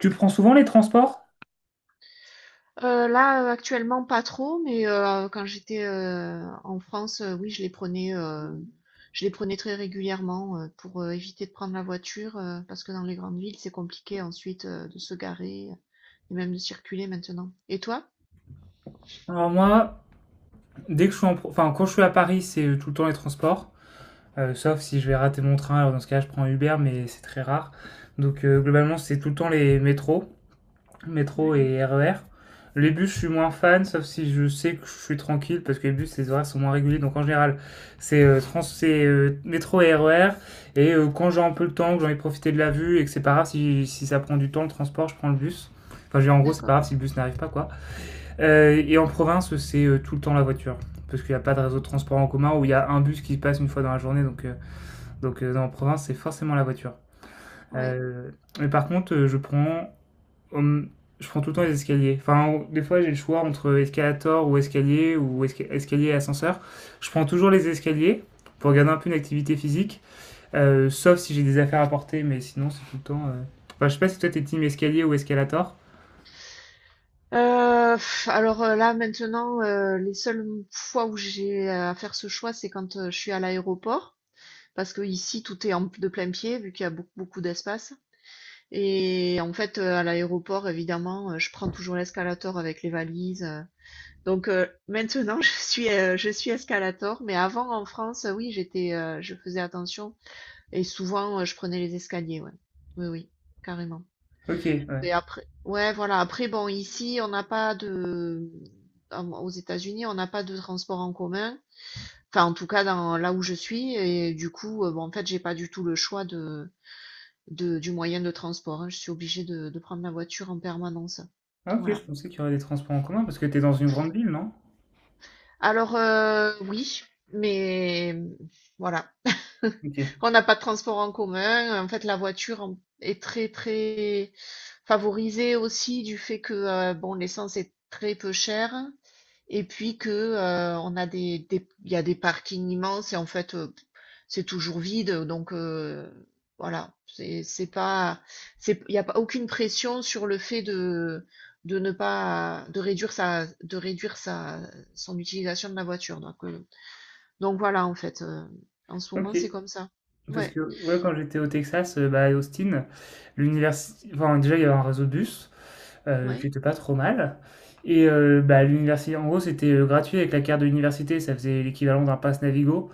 Tu prends souvent les transports? Là, actuellement, pas trop, mais quand j'étais en France, oui, je les prenais, je les prenais très régulièrement pour éviter de prendre la voiture, parce que dans les grandes villes, c'est compliqué ensuite de se garer et même de circuler maintenant. Et toi? Alors moi, dès que je suis enfin quand je suis à Paris, c'est tout le temps les transports, sauf si je vais rater mon train. Alors dans ce cas, je prends Uber, mais c'est très rare. Donc globalement, c'est tout le temps les métros, métro Ouais, et RER. Les bus, je suis moins fan, sauf si je sais que je suis tranquille, parce que les bus, les horaires sont moins réguliers. Donc en général, c'est métro et RER. Et quand j'ai un peu le temps, que j'ai envie de profiter de la vue et que c'est pas grave si ça prend du temps le transport, je prends le bus. Enfin, je veux dire, en gros, c'est pas d'accord, grave si le bus n'arrive pas, quoi. Et en province, c'est tout le temps la voiture. Parce qu'il n'y a pas de réseau de transport en commun où il y a un bus qui passe une fois dans la journée. Donc, en province, c'est forcément la voiture. ouais. Euh, mais par contre, hum, je prends tout le temps les escaliers. Enfin, des fois, j'ai le choix entre escalator ou escalier ou escalier et ascenseur. Je prends toujours les escaliers pour garder un peu une activité physique, sauf si j'ai des affaires à porter, mais sinon, c'est tout le temps. Enfin, je sais pas si toi, t'es team escalier ou escalator. Alors, là, maintenant, les seules fois où j'ai à faire ce choix, c'est quand je suis à l'aéroport, parce que ici, tout est en, de plein pied, vu qu'il y a beaucoup, beaucoup d'espace. Et en fait, à l'aéroport, évidemment, je prends toujours l'escalator avec les valises, donc maintenant je suis, je suis escalator, mais avant en France, oui, je faisais attention et souvent, je prenais les escaliers, ouais. Oui, oui, carrément. Ok, ouais. Et après, ouais, voilà, après bon, ici, on n'a pas de à aux États-Unis, on n'a pas de transport en commun, enfin, en tout cas dans là où je suis, et du coup, bon, en fait, j'ai pas du tout le choix de du moyen de transport, hein. Je suis obligée de prendre la voiture en permanence. Ah, ok, je Voilà. pensais qu'il y aurait des transports en commun parce que t'es dans une grande ville, non? Alors, oui, mais voilà. OK. On n'a pas de transport en commun. En fait, la voiture en- est très, très favorisée aussi du fait que, bon, l'essence est très peu chère. Et puis que, on a il y a des parkings immenses et en fait, c'est toujours vide. Donc, voilà. C'est pas, c'est, il n'y a pas aucune pression sur le fait de ne pas, de de réduire sa, son utilisation de la voiture. Donc voilà, en fait, en ce moment, OK. c'est comme ça. Parce Ouais, que, ouais, quand j'étais au Texas, bah, à Austin, l'université, enfin, déjà, il y avait un réseau de bus, qui ouais. était pas trop mal. Et bah, l'université en gros, c'était, gratuit avec la carte de l'université, ça faisait l'équivalent d'un pass Navigo,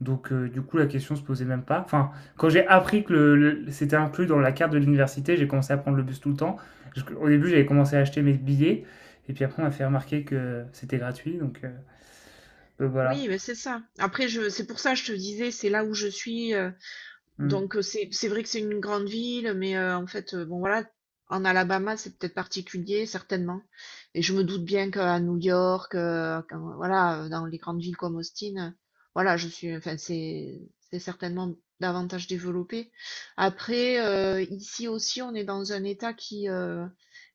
donc du coup, la question se posait même pas. Enfin, quand j'ai appris que le c'était inclus dans la carte de l'université, j'ai commencé à prendre le bus tout le temps. Parce qu'au début, j'avais commencé à acheter mes billets et puis après, on m'a fait remarquer que c'était gratuit, donc voilà. Oui, mais c'est ça. Après je c'est pour ça, que je te disais, c'est là où je suis, heu. Mmh. Donc c'est vrai que c'est une grande ville, mais en fait, bon voilà, en Alabama, c'est peut-être particulier, certainement. Et je me doute bien qu'à New York, quand voilà, dans les grandes villes comme Austin, voilà, je suis enfin, c'est certainement davantage développé. Après, ici aussi, on est dans un État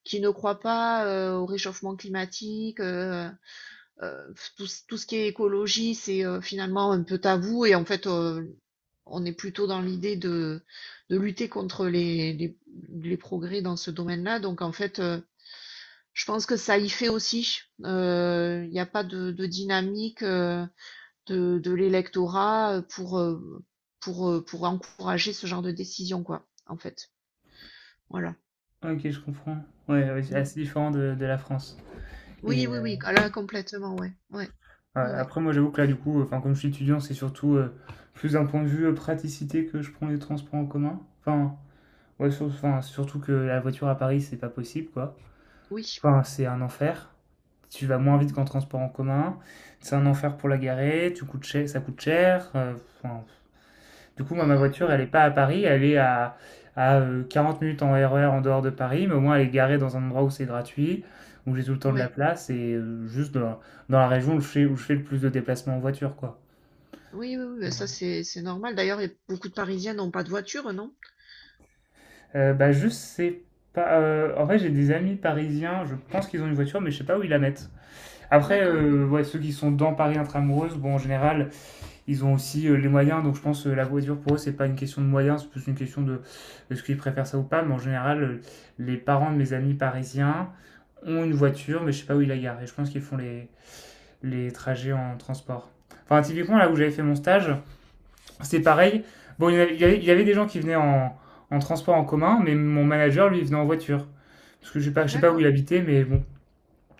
qui ne croit pas, au réchauffement climatique, tout ce qui est écologie, c'est, finalement un peu tabou et en fait, on est plutôt dans l'idée de lutter contre les progrès dans ce domaine-là. Donc en fait, je pense que ça y fait aussi. Il n'y a pas de, de dynamique de l'électorat pour, pour encourager ce genre de décision, quoi, en fait. Voilà. Ah, OK, je comprends. Ouais, ouais, c'est Mm. assez différent de la France. Oui, Et oui, oui. Ah là, complètement, ouais. Ouais. a Oui, oui. après, moi j'avoue que là du coup, enfin, comme je suis étudiant, c'est surtout, plus d'un point de vue, praticité que je prends les transports en commun. Enfin, ouais, sur enfin, surtout que la voiture à Paris, c'est pas possible, quoi. Oui. Enfin, c'est un enfer. Tu vas moins Mm. vite qu'en transport en commun. C'est un enfer pour la garer, tu coûtes cher ça coûte cher, enfin, du coup, moi, ma voiture, Oui. elle n'est pas à Paris, elle est à, à 40 minutes en RER en dehors de Paris, mais au moins elle est garée dans un endroit où c'est gratuit, où j'ai tout le temps de la Ouais. place, et juste dans la région où je fais le plus de déplacements en voiture, quoi. Oui, oui, oui. Bah ça, c'est normal. D'ailleurs, il y a beaucoup de Parisiens n'ont pas de voiture, non? Bah, je sais pas. En vrai, j'ai des amis parisiens, je pense qu'ils ont une voiture, mais je sais pas où ils la mettent. Après, D'accord, ouais. Ouais, ceux qui sont dans Paris intramuros, bon, en général, ils ont aussi les moyens, donc je pense que la voiture pour eux, c'est pas une question de moyens, c'est plus une question de est-ce qu'ils préfèrent ça ou pas. Mais en général, les parents de mes amis parisiens ont une voiture, mais je sais pas où ils la garent. Et je pense qu'ils font les trajets en transport. Enfin, typiquement, là où j'avais fait mon stage, c'est pareil. Bon, il y avait des gens qui venaient en transport en commun, mais mon manager, lui, venait en voiture. Parce que je sais pas où D'accord. il habitait, mais bon,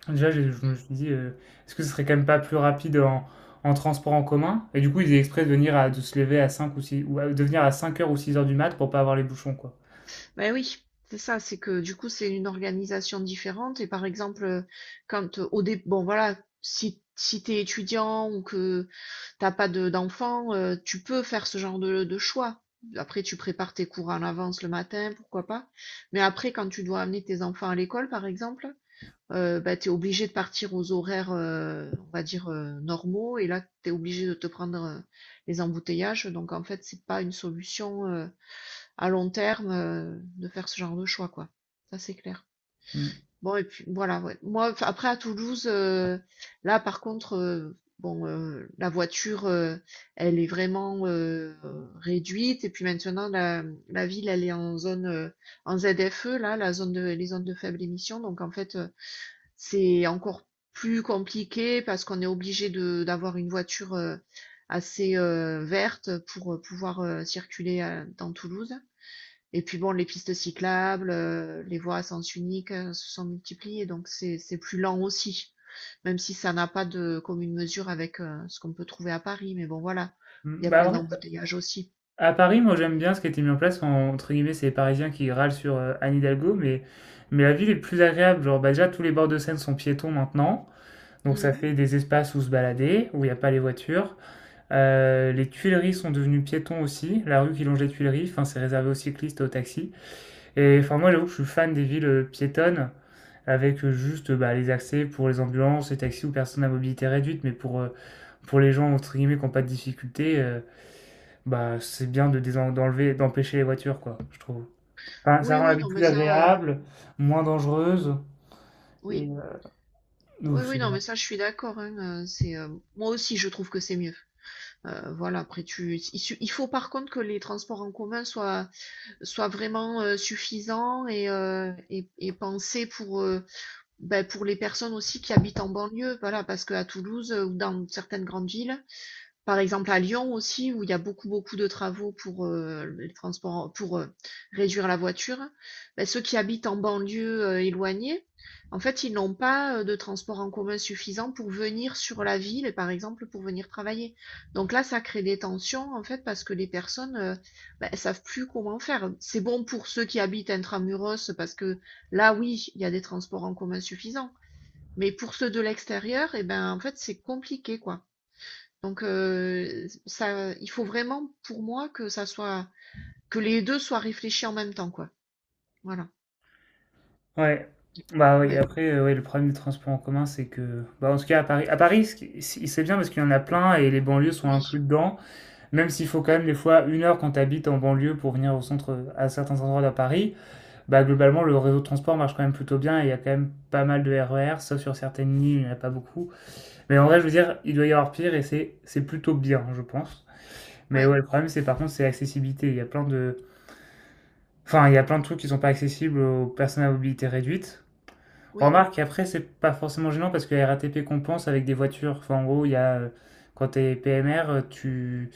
enfin, déjà, je me suis dit, est-ce que ce serait quand même pas plus rapide en transport en commun? Et du coup, ils étaient exprès de de se lever à cinq ou six, de venir à 5 h ou 6 h du mat pour pas avoir les bouchons, quoi. Ben oui, c'est ça, c'est que du coup, c'est une organisation différente. Et par exemple, quand au dé bon voilà, si, si tu es étudiant ou que t'as pas de d'enfants, tu peux faire ce genre de choix. Après, tu prépares tes cours en avance le matin, pourquoi pas. Mais après, quand tu dois amener tes enfants à l'école, par exemple, ben, tu es obligé de partir aux horaires, on va dire, normaux. Et là, tu es obligé de te prendre les embouteillages. Donc, en fait, c'est pas une solution à long terme de faire ce genre de choix, quoi. Ça, c'est clair. Mm. Bon, et puis voilà, ouais. Moi, enfin, après, à Toulouse, là, par contre, bon, la voiture, elle est vraiment réduite. Et puis maintenant, la ville, elle est en zone, en ZFE, là, la zone de, les zones de faible émission. Donc, en fait, c'est encore plus compliqué parce qu'on est obligé de, d'avoir une voiture assez verte pour pouvoir circuler dans Toulouse. Et puis bon, les pistes cyclables, les voies à sens unique se sont multipliées, donc c'est plus lent aussi, même si ça n'a pas de commune mesure avec ce qu'on peut trouver à Paris. Mais bon, voilà, Mm. il y a Bah, plein en vrai, d'embouteillages aussi. à Paris, moi, j'aime bien ce qui a été mis en place. Entre guillemets, c'est les Parisiens qui râlent sur Anne Hidalgo, mais la ville est plus agréable. Genre, bah, déjà, tous les bords de Seine sont piétons maintenant. Donc, ça Mhm. fait des espaces où se balader, où il n'y a pas les voitures. Les Tuileries sont devenues piétons aussi. La rue qui longe les Tuileries, enfin, c'est réservé aux cyclistes et aux taxis. Et enfin, moi, j'avoue que je suis fan des villes piétonnes, avec juste bah, les accès pour les ambulances, les taxis ou personnes à mobilité réduite, mais pour les gens, entre guillemets, qui n'ont pas de difficultés, bah, c'est bien de d'enlever, d'empêcher les voitures, quoi, je trouve. Enfin, ça Oui, rend la oui, vie non, mais plus ça, agréable, moins dangereuse, et... oui, euh, oui, ouf, oui, c'est non, bien. mais ça, je suis d'accord, hein, c'est moi aussi, je trouve que c'est mieux. Voilà, après, tu, il, su- il faut par contre que les transports en commun soient vraiment suffisants et et pensés pour ben, pour les personnes aussi qui habitent en banlieue, voilà, parce qu'à Toulouse, ou dans certaines grandes villes, par exemple à Lyon aussi où il y a beaucoup, beaucoup de travaux pour, les transports pour, réduire la voiture, bah, ceux qui habitent en banlieue, éloignée, en fait, ils n'ont pas, de transports en commun suffisants pour venir sur la ville et par exemple pour venir travailler. Donc là, ça crée des tensions, en fait, parce que les personnes, bah, elles savent plus comment faire. C'est bon pour ceux qui habitent intra-muros parce que là, oui, il y a des transports en commun suffisants, mais pour ceux de l'extérieur et ben, en fait, c'est compliqué, quoi. Donc, ça il faut vraiment pour moi que ça soit que les 2 soient réfléchis en même temps, quoi. Voilà. Ouais. Bah oui, Ouais. après, ouais, le problème des transports en commun, c'est que... Bah, en tout cas, à Paris, c'est bien parce qu'il y en a plein et les banlieues sont Oui. inclus dedans. Même s'il faut quand Ouais. même des fois une heure quand tu habites en banlieue pour venir au centre, à certains endroits de Paris, bah globalement, le réseau de transport marche quand même plutôt bien et il y a quand même pas mal de RER, sauf sur certaines lignes, il n'y en a pas beaucoup. Mais en vrai, je veux dire, il doit y avoir pire et c'est plutôt bien, je pense. Mais Ouais. ouais, le problème c'est par contre c'est l'accessibilité. Il y a plein de, enfin il y a plein de trucs qui sont pas accessibles aux personnes à mobilité réduite. Oui. Remarque, après c'est pas forcément gênant parce que la RATP compense avec des voitures. Enfin, en gros, il y a quand t'es PMR, tu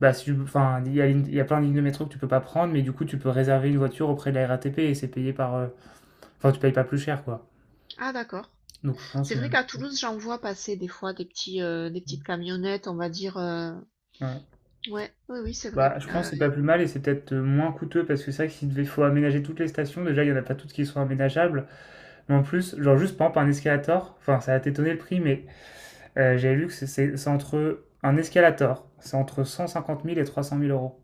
bah, si tu- enfin, il y a plein de lignes de métro que tu peux pas prendre, mais du coup, tu peux réserver une voiture auprès de la RATP et c'est payé par. Enfin, tu payes pas plus cher, quoi. Ah d'accord. Donc, je pense C'est que c'est vrai même. qu'à Toulouse, j'en vois passer des fois des petits, des petites camionnettes, on va dire, heu. Ouais. Ouais, oui, oui, c'est vrai. Bah, je pense que c'est pas plus mal et c'est peut-être moins coûteux parce que c'est vrai que s'il devait faut aménager toutes les stations, déjà il y en a pas toutes qui sont aménageables, mais en plus, genre juste par exemple un escalator, enfin ça a t'étonné le prix, mais j'ai lu que c'est entre un escalator, c'est entre 150 000 et 300 000 euros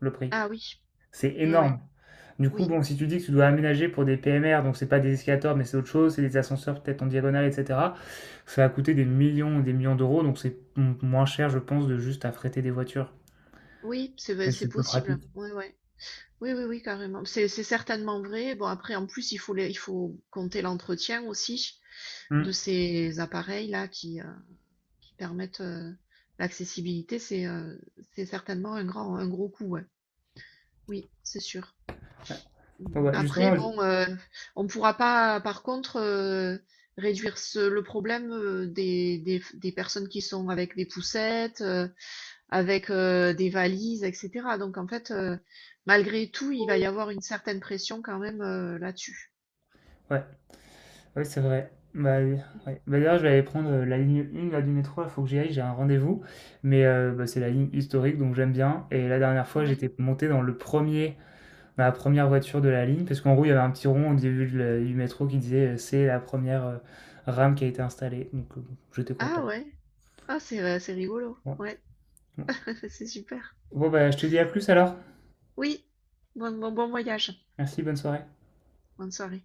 le prix. Ah oui, C'est ouais, ouais. énorme. Du coup, Oui. bon, si tu dis que tu dois aménager pour des PMR, donc c'est pas des escalators, mais c'est autre chose, c'est des ascenseurs peut-être en diagonale, etc. Ça va coûter des millions d'euros, donc c'est moins cher, je pense, de juste affréter des voitures. Oui, c'est v Mais c'est c'est peu possible. pratique. Ouais, ouais. Oui, oui, oui, carrément. C'est certainement vrai. Bon après en plus, il faut les il faut compter l'entretien aussi de Hmm. ces appareils-là qui permettent l'accessibilité, c'est certainement un grand, un gros coup, ouais. Oui, c'est sûr. Mm. Ouais, Après, justement, bon, on ne pourra pas, par contre, réduire ce, le problème des personnes qui sont avec des poussettes, avec des valises, etc. Donc, en fait, malgré tout, il va y avoir une certaine pression quand même là-dessus. ouais, ouais, c'est vrai. Bah, oui, Mm. ouais. Bah, d'ailleurs, je vais aller prendre la ligne 1 là, du métro, il faut que j'y aille, j'ai un rendez-vous. Mais bah, c'est la ligne historique, donc j'aime bien. Et la dernière fois, Ouais. j'étais monté dans le premier ma première voiture de la ligne, parce qu'en gros, il y avait un petit rond au début de du métro qui disait c'est la première rame qui a été installée. Donc, bon, j'étais Ah content. ouais. Ah, c'est rigolo. Ouais. Ouais, Bon, c'est super. bon, bah, je te dis à plus alors. Oui. Bon, bon, bon voyage. Merci, bonne soirée. Bonne soirée.